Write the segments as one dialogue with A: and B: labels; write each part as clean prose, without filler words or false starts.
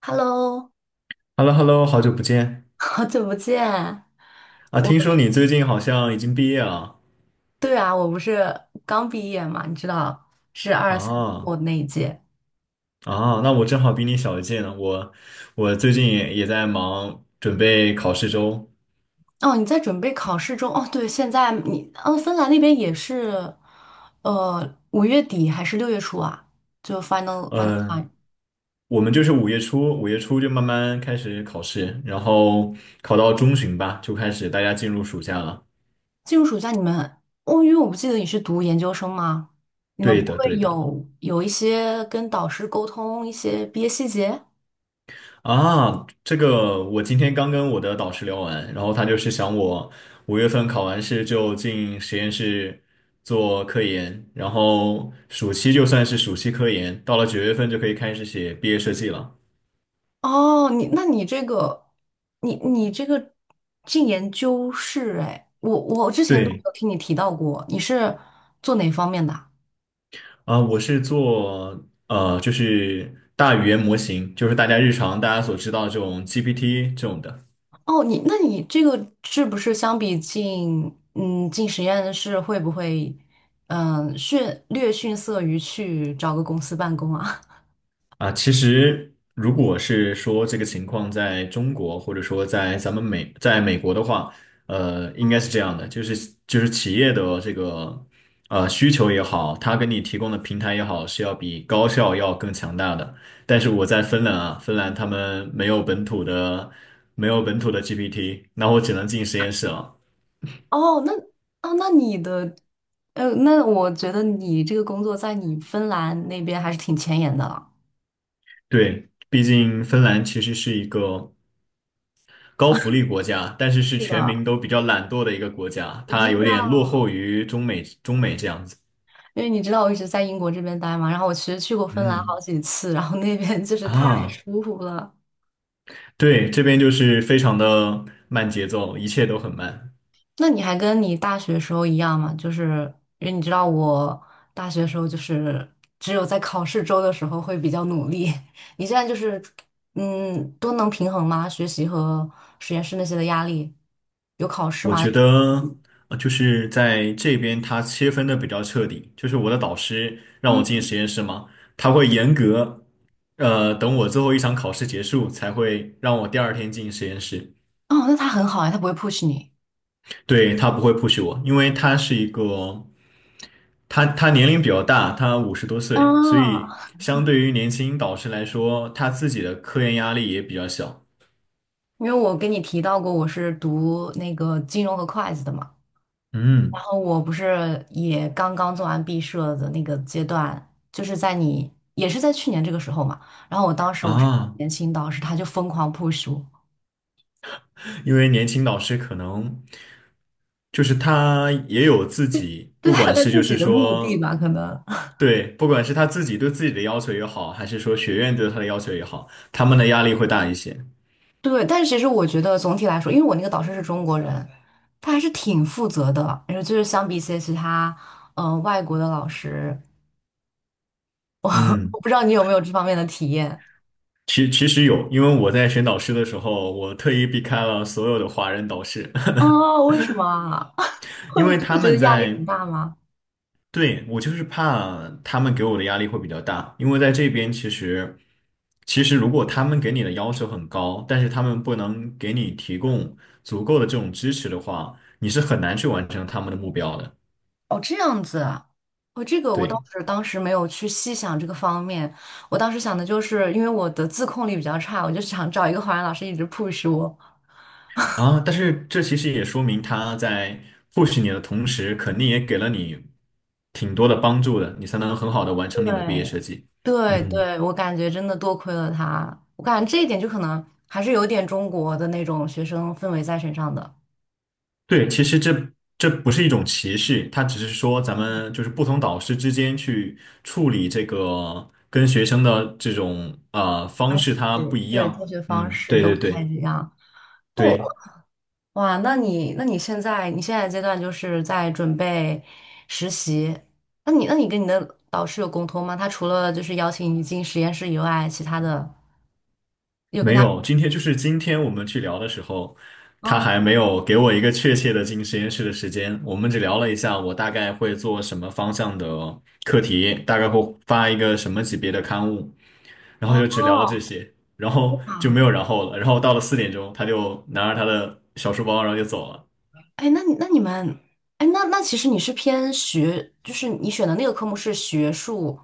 A: Hello，
B: H e l l o h e l l o 好久不见
A: 好久不见。
B: 啊！
A: 我，
B: 听说你最近好像已经毕业了
A: 对啊，我不是刚毕业嘛，你知道，是二三我
B: 啊
A: 那一届。
B: 啊！那我正好比你小一届呢，我最近也在忙准备考试周。
A: 哦，你在准备考试中。哦，对，现在你，哦，芬兰那边也是，五月底还是六月初啊？就 final
B: 嗯，
A: time
B: 我们就是五月初就慢慢开始考试，然后考到中旬吧，就开始大家进入暑假了。
A: 进入暑假，你们，哦，因为我不记得你是读研究生吗？你们
B: 对
A: 不会
B: 的，对的。
A: 有一些跟导师沟通一些毕业细节？
B: 啊，这个我今天刚跟我的导师聊完，然后他就是想我5月份考完试就进实验室做科研，然后暑期就算是暑期科研，到了9月份就可以开始写毕业设计了。
A: 哦，你那你这个，你这个进研究室。哎，我之前都没
B: 对，
A: 有听你提到过，你是做哪方面的啊？
B: 啊，我是做就是大语言模型，就是大家日常大家所知道的这种 GPT 这种的。
A: 哦，你那你这个是不是相比进实验室会不会嗯逊略逊色于去找个公司办公啊？
B: 啊，其实如果是说这个情况在中国，或者说在美国的话，应该
A: 嗯。
B: 是这样的，就是企业的这个需求也好，它给你提供的平台也好，是要比高校要更强大的。但是我在芬兰啊，芬兰他们没有本土的 GPT，那我只能进实验室了。
A: 哦，那哦那你的呃，那我觉得你这个工作在你芬兰那边还是挺前沿的了。
B: 对，毕竟芬兰其实是一个高福利国家，但是是
A: 是
B: 全
A: 的，
B: 民都比较懒惰的一个国家，
A: 我知
B: 它有点落
A: 道。
B: 后于中美这样子。
A: 因为你知道我一直在英国这边待嘛，然后我其实去过芬兰好
B: 嗯
A: 几次，然后那边就是太
B: 啊，
A: 舒服了。
B: 对，这边就是非常的慢节奏，一切都很慢。
A: 那你还跟你大学时候一样吗？就是因为你知道我大学时候就是只有在考试周的时候会比较努力，你现在就是都能平衡吗？学习和实验室那些的压力，有考试
B: 我
A: 吗？
B: 觉得就是在这边它切分的比较彻底，就是我的导师让我
A: 嗯。
B: 进实验室嘛，他会严格等我最后一场考试结束才会让我第二天进实验室。
A: 哦，那他很好哎，他不会 push 你。
B: 对，他不会 push 我，因为他是一个，他年龄比较大，他50多岁，所
A: 啊，
B: 以相对于年轻导师来说，他自己的科研压力也比较小。
A: 因为我跟你提到过我是读那个金融和会计的嘛。然
B: 嗯，
A: 后我不是也刚刚做完毕设的那个阶段，就是在你也是在去年这个时候嘛。然后我当时我是
B: 啊，
A: 年轻导师，他就疯狂 push 我，
B: 因为年轻导师可能就是他也有自己，
A: 对
B: 不
A: 他有
B: 管
A: 他
B: 是就
A: 自己
B: 是
A: 的目的
B: 说。
A: 吧，可能
B: 对，不管是他自己对自己的要求也好，还是说学院对他的要求也好，他们的压力会大一些。
A: 对。但是其实我觉得总体来说，因为我那个导师是中国人，他还是挺负责的。然后就是相比一些其他外国的老师，
B: 嗯。
A: 我不知道你有没有这方面的体验。
B: 其实有，因为我在选导师的时候，我特意避开了所有的华人导师，
A: 哦？为什么啊？会
B: 因为
A: 会
B: 他
A: 觉
B: 们
A: 得压力很
B: 在，
A: 大吗？
B: 对，我就是怕他们给我的压力会比较大，因为在这边其实，其实如果他们给你的要求很高，但是他们不能给你提供足够的这种支持的话，你是很难去完成他们的目标的。
A: 哦，这样子啊。哦，这个我倒
B: 对。
A: 是当时没有去细想这个方面，我当时想的就是，因为我的自控力比较差，我就想找一个华人老师一直 push 我。
B: 啊，但是这其实也说明他在或许你的同时，肯定也给了你挺多的帮助的，你才能很好的完成你的毕业
A: 对，
B: 设计。
A: 对
B: 嗯，
A: 对，我感觉真的多亏了他，我感觉这一点就可能还是有点中国的那种学生氛围在身上的，
B: 对，其实这不是一种歧视，它只是说咱们就是不同导师之间去处理这个跟学生的这种啊方
A: 关
B: 式，
A: 系。
B: 它不一
A: 对，教
B: 样。
A: 学方
B: 嗯，
A: 式
B: 对
A: 都不
B: 对
A: 太
B: 对
A: 一样。那
B: 对。
A: 我，哇，那你那你现在你现在阶段就是在准备实习，那你那你跟你的导师有沟通吗？他除了就是邀请你进实验室以外，其他的有跟
B: 没
A: 他
B: 有，今天就是今天我们去聊的时候，他
A: 嗯
B: 还没有给我一个确切的进实验室的时间。我们只聊了一下，我大概会做什么方向的课题，大概会发一个什么级别的刊物，然后
A: 哦
B: 就只聊了这些，然后就没
A: 啊，
B: 有然后了。然后到了4点钟，他就拿着他的小书包，然后就走了。
A: 哎，那你那你们，哎，那那其实你是偏学，就是你选的那个科目是学术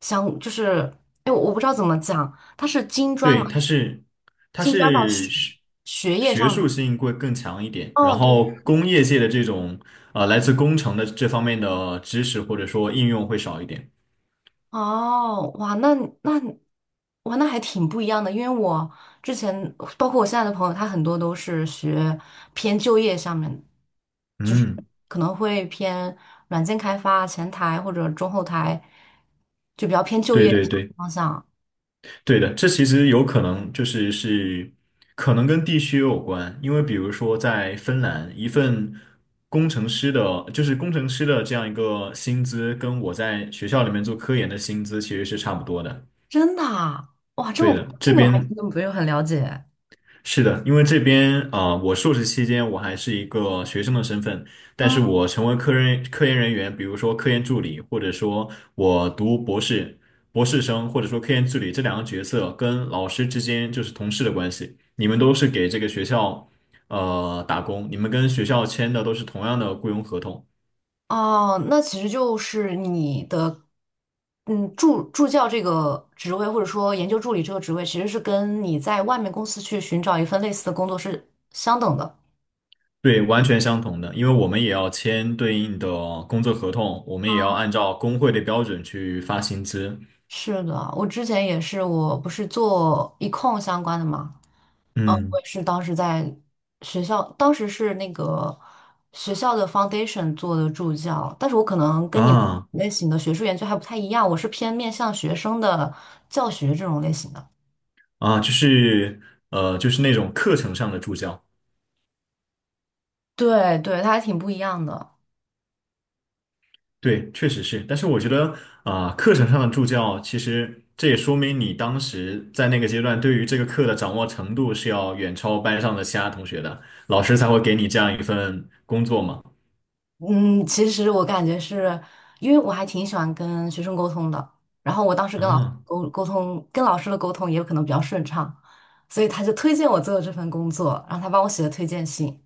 A: 相，就是哎，我我不知道怎么讲，它是金砖嘛，
B: 对，他是他
A: 金砖到
B: 是
A: 学
B: 学
A: 学业
B: 学
A: 上
B: 术
A: 的。
B: 性会更强一点，然
A: 哦，对。
B: 后工业界的这种来自工程的这方面的知识或者说应用会少一点。
A: 哦，哇，那，那，哇，那还挺不一样的，因为我之前包括我现在的朋友，他很多都是学偏就业上面，就是
B: 嗯，
A: 可能会偏软件开发、前台或者中后台，就比较偏就
B: 对
A: 业
B: 对对，
A: 方向。
B: 对的，这其实有可能就是可能跟地区有关，因为比如说在芬兰，一份工程师的，就是工程师的这样一个薪资，跟我在学校里面做科研的薪资其实是差不多的。
A: 真的啊，哇，这
B: 对
A: 么，
B: 的，这
A: 这个我还真
B: 边
A: 的不有很了解。
B: 是的，因为这边啊我硕士期间我还是一个学生的身份，但是
A: 嗯。
B: 我成为科研人员，比如说科研助理，或者说我读博士、博士生，或者说科研助理这两个角色跟老师之间就是同事的关系，你们都是给这个学校打工，你们跟学校签的都是同样的雇佣合同，
A: 哦，那其实就是你的，嗯，助教这个职位，或者说研究助理这个职位，其实是跟你在外面公司去寻找一份类似的工作是相等的。
B: 对，完全相同的，因为我们也要签对应的工作合同，我们也要
A: 啊。
B: 按照工会的标准去发薪资，
A: 是的，我之前也是，我不是做 econ 相关的嘛，呃，我
B: 嗯
A: 也是当时在学校，当时是那个学校的 foundation 做的助教，但是我可能跟你们
B: 啊。
A: 类型的学术研究还不太一样，我是偏面向学生的教学这种类型的。
B: 啊，就是就是那种课程上的助教，
A: 对对，他还挺不一样的。
B: 对，确实是。但是我觉得啊，课程上的助教，其实这也说明你当时在那个阶段对于这个课的掌握程度是要远超班上的其他同学的，老师才会给你这样一份工作嘛。
A: 嗯，其实我感觉是因为我还挺喜欢跟学生沟通的，然后我当时跟老师
B: 啊
A: 沟通，跟老师的沟通也有可能比较顺畅，所以他就推荐我做这份工作，然后他帮我写了推荐信。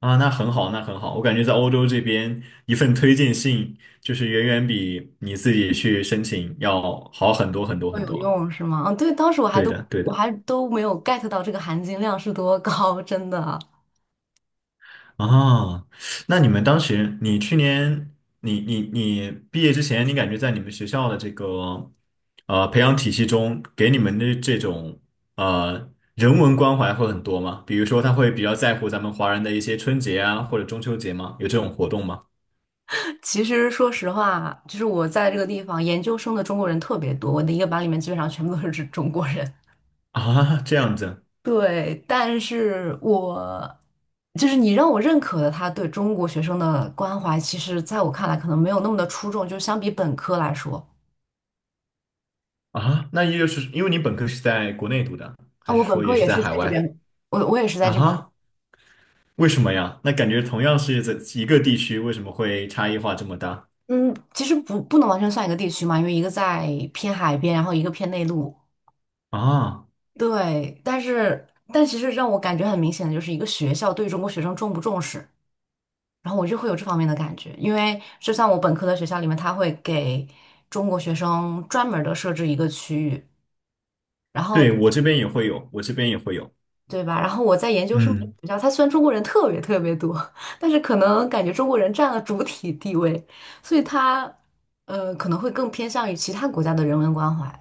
B: 啊，那很好，那很好。我感觉在欧洲这边，一份推荐信就是远远比你自己去申请要好很多很多
A: 都
B: 很
A: 有
B: 多。
A: 用是吗？嗯，对，当时我还
B: 对
A: 都
B: 的，对
A: 我
B: 的。
A: 还都没有 get 到这个含金量是多高，真的。
B: 啊，那你们当时，你去年，你毕业之前，你感觉在你们学校的这个培养体系中，给你们的这种人文关怀会很多吗？比如说，他会比较在乎咱们华人的一些春节啊，或者中秋节吗？有这种活动吗？
A: 其实说实话，就是我在这个地方研究生的中国人特别多，我的一个班里面基本上全部都是中国人。
B: 啊，这样子
A: 对，但是我就是你让我认可的他对中国学生的关怀，其实在我看来可能没有那么的出众，就相比本科来说。
B: 啊，那也就是因为你本科是在国内读的，
A: 啊，
B: 还是
A: 我本
B: 说也
A: 科
B: 是
A: 也
B: 在
A: 是在
B: 海
A: 这
B: 外
A: 边，我我也是在这边。
B: 啊？为什么呀？那感觉同样是在一个地区，为什么会差异化这么大
A: 嗯，其实不能完全算一个地区嘛，因为一个在偏海边，然后一个偏内陆。
B: 啊？
A: 对，但是但其实让我感觉很明显的就是一个学校对中国学生重不重视，然后我就会有这方面的感觉，因为就像我本科的学校里面，他会给中国学生专门的设置一个区域。然后
B: 对，我这边也会有，我这边也会有。
A: 对吧？然后我在研究生
B: 嗯，
A: 学校，它虽然中国人特别特别多，但是可能感觉中国人占了主体地位，所以它可能会更偏向于其他国家的人文关怀。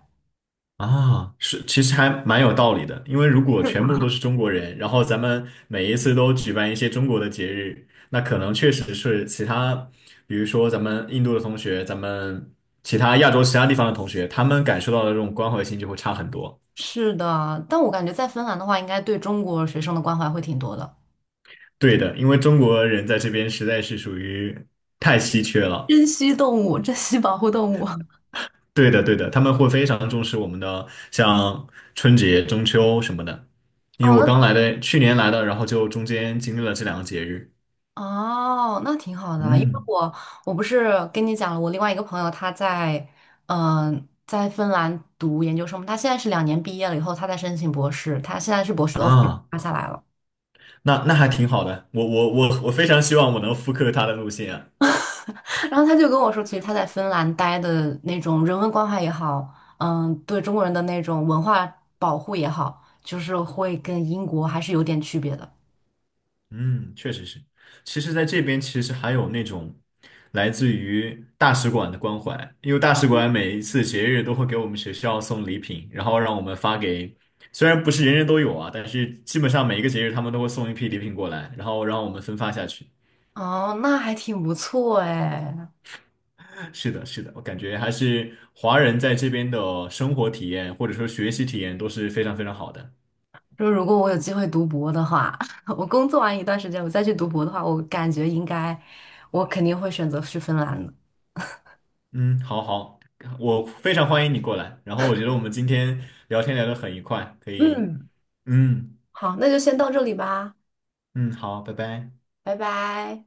B: 啊，是，其实还蛮有道理的，因为如果
A: 是
B: 全部都
A: 吧？
B: 是中国人，然后咱们每一次都举办一些中国的节日，那可能确实是其他，比如说咱们印度的同学，咱们其他亚洲其他地方的同学，他们感受到的这种关怀性就会差很多。
A: 是的，但我感觉在芬兰的话，应该对中国学生的关怀会挺多的。
B: 对的，因为中国人在这边实在是属于太稀缺了。
A: 珍稀动物，珍稀保护动物。
B: 对的，对的，他们会非常重视我们的像春节、中秋什么的。因为
A: 哦，
B: 我
A: 那，
B: 刚来的，去年来的，然后就中间经历了这两个节日。
A: 哦，那挺好的，因为
B: 嗯
A: 我，我不是跟你讲了，我另外一个朋友他在在芬兰读研究生，他现在是两年毕业了以后，他在申请博士，他现在是博士的 offer
B: 啊，
A: 发下来了。
B: 那还挺好的，我非常希望我能复刻他的路线啊。
A: 然后他就跟我说，其实他在芬兰待的那种人文关怀也好，对中国人的那种文化保护也好，就是会跟英国还是有点区别的。
B: 嗯，确实是。其实，在这边其实还有那种来自于大使馆的关怀，因为大使馆每一次节日都会给我们学校送礼品，然后让我们发给，虽然不是人人都有啊，但是基本上每一个节日他们都会送一批礼品过来，然后让我们分发下去。
A: 哦，那还挺不错哎。
B: 是的，是的，我感觉还是华人在这边的生活体验或者说学习体验都是非常非常好的。
A: 说如果我有机会读博的话，我工作完一段时间，我再去读博的话，我感觉应该，我肯定会选择去芬兰的。
B: 嗯，好好，我非常欢迎你过来，然后我觉得我们今天聊天聊得很愉快，可以，
A: 嗯，
B: 嗯。
A: 好，那就先到这里吧，
B: 嗯，好，拜拜。
A: 拜拜。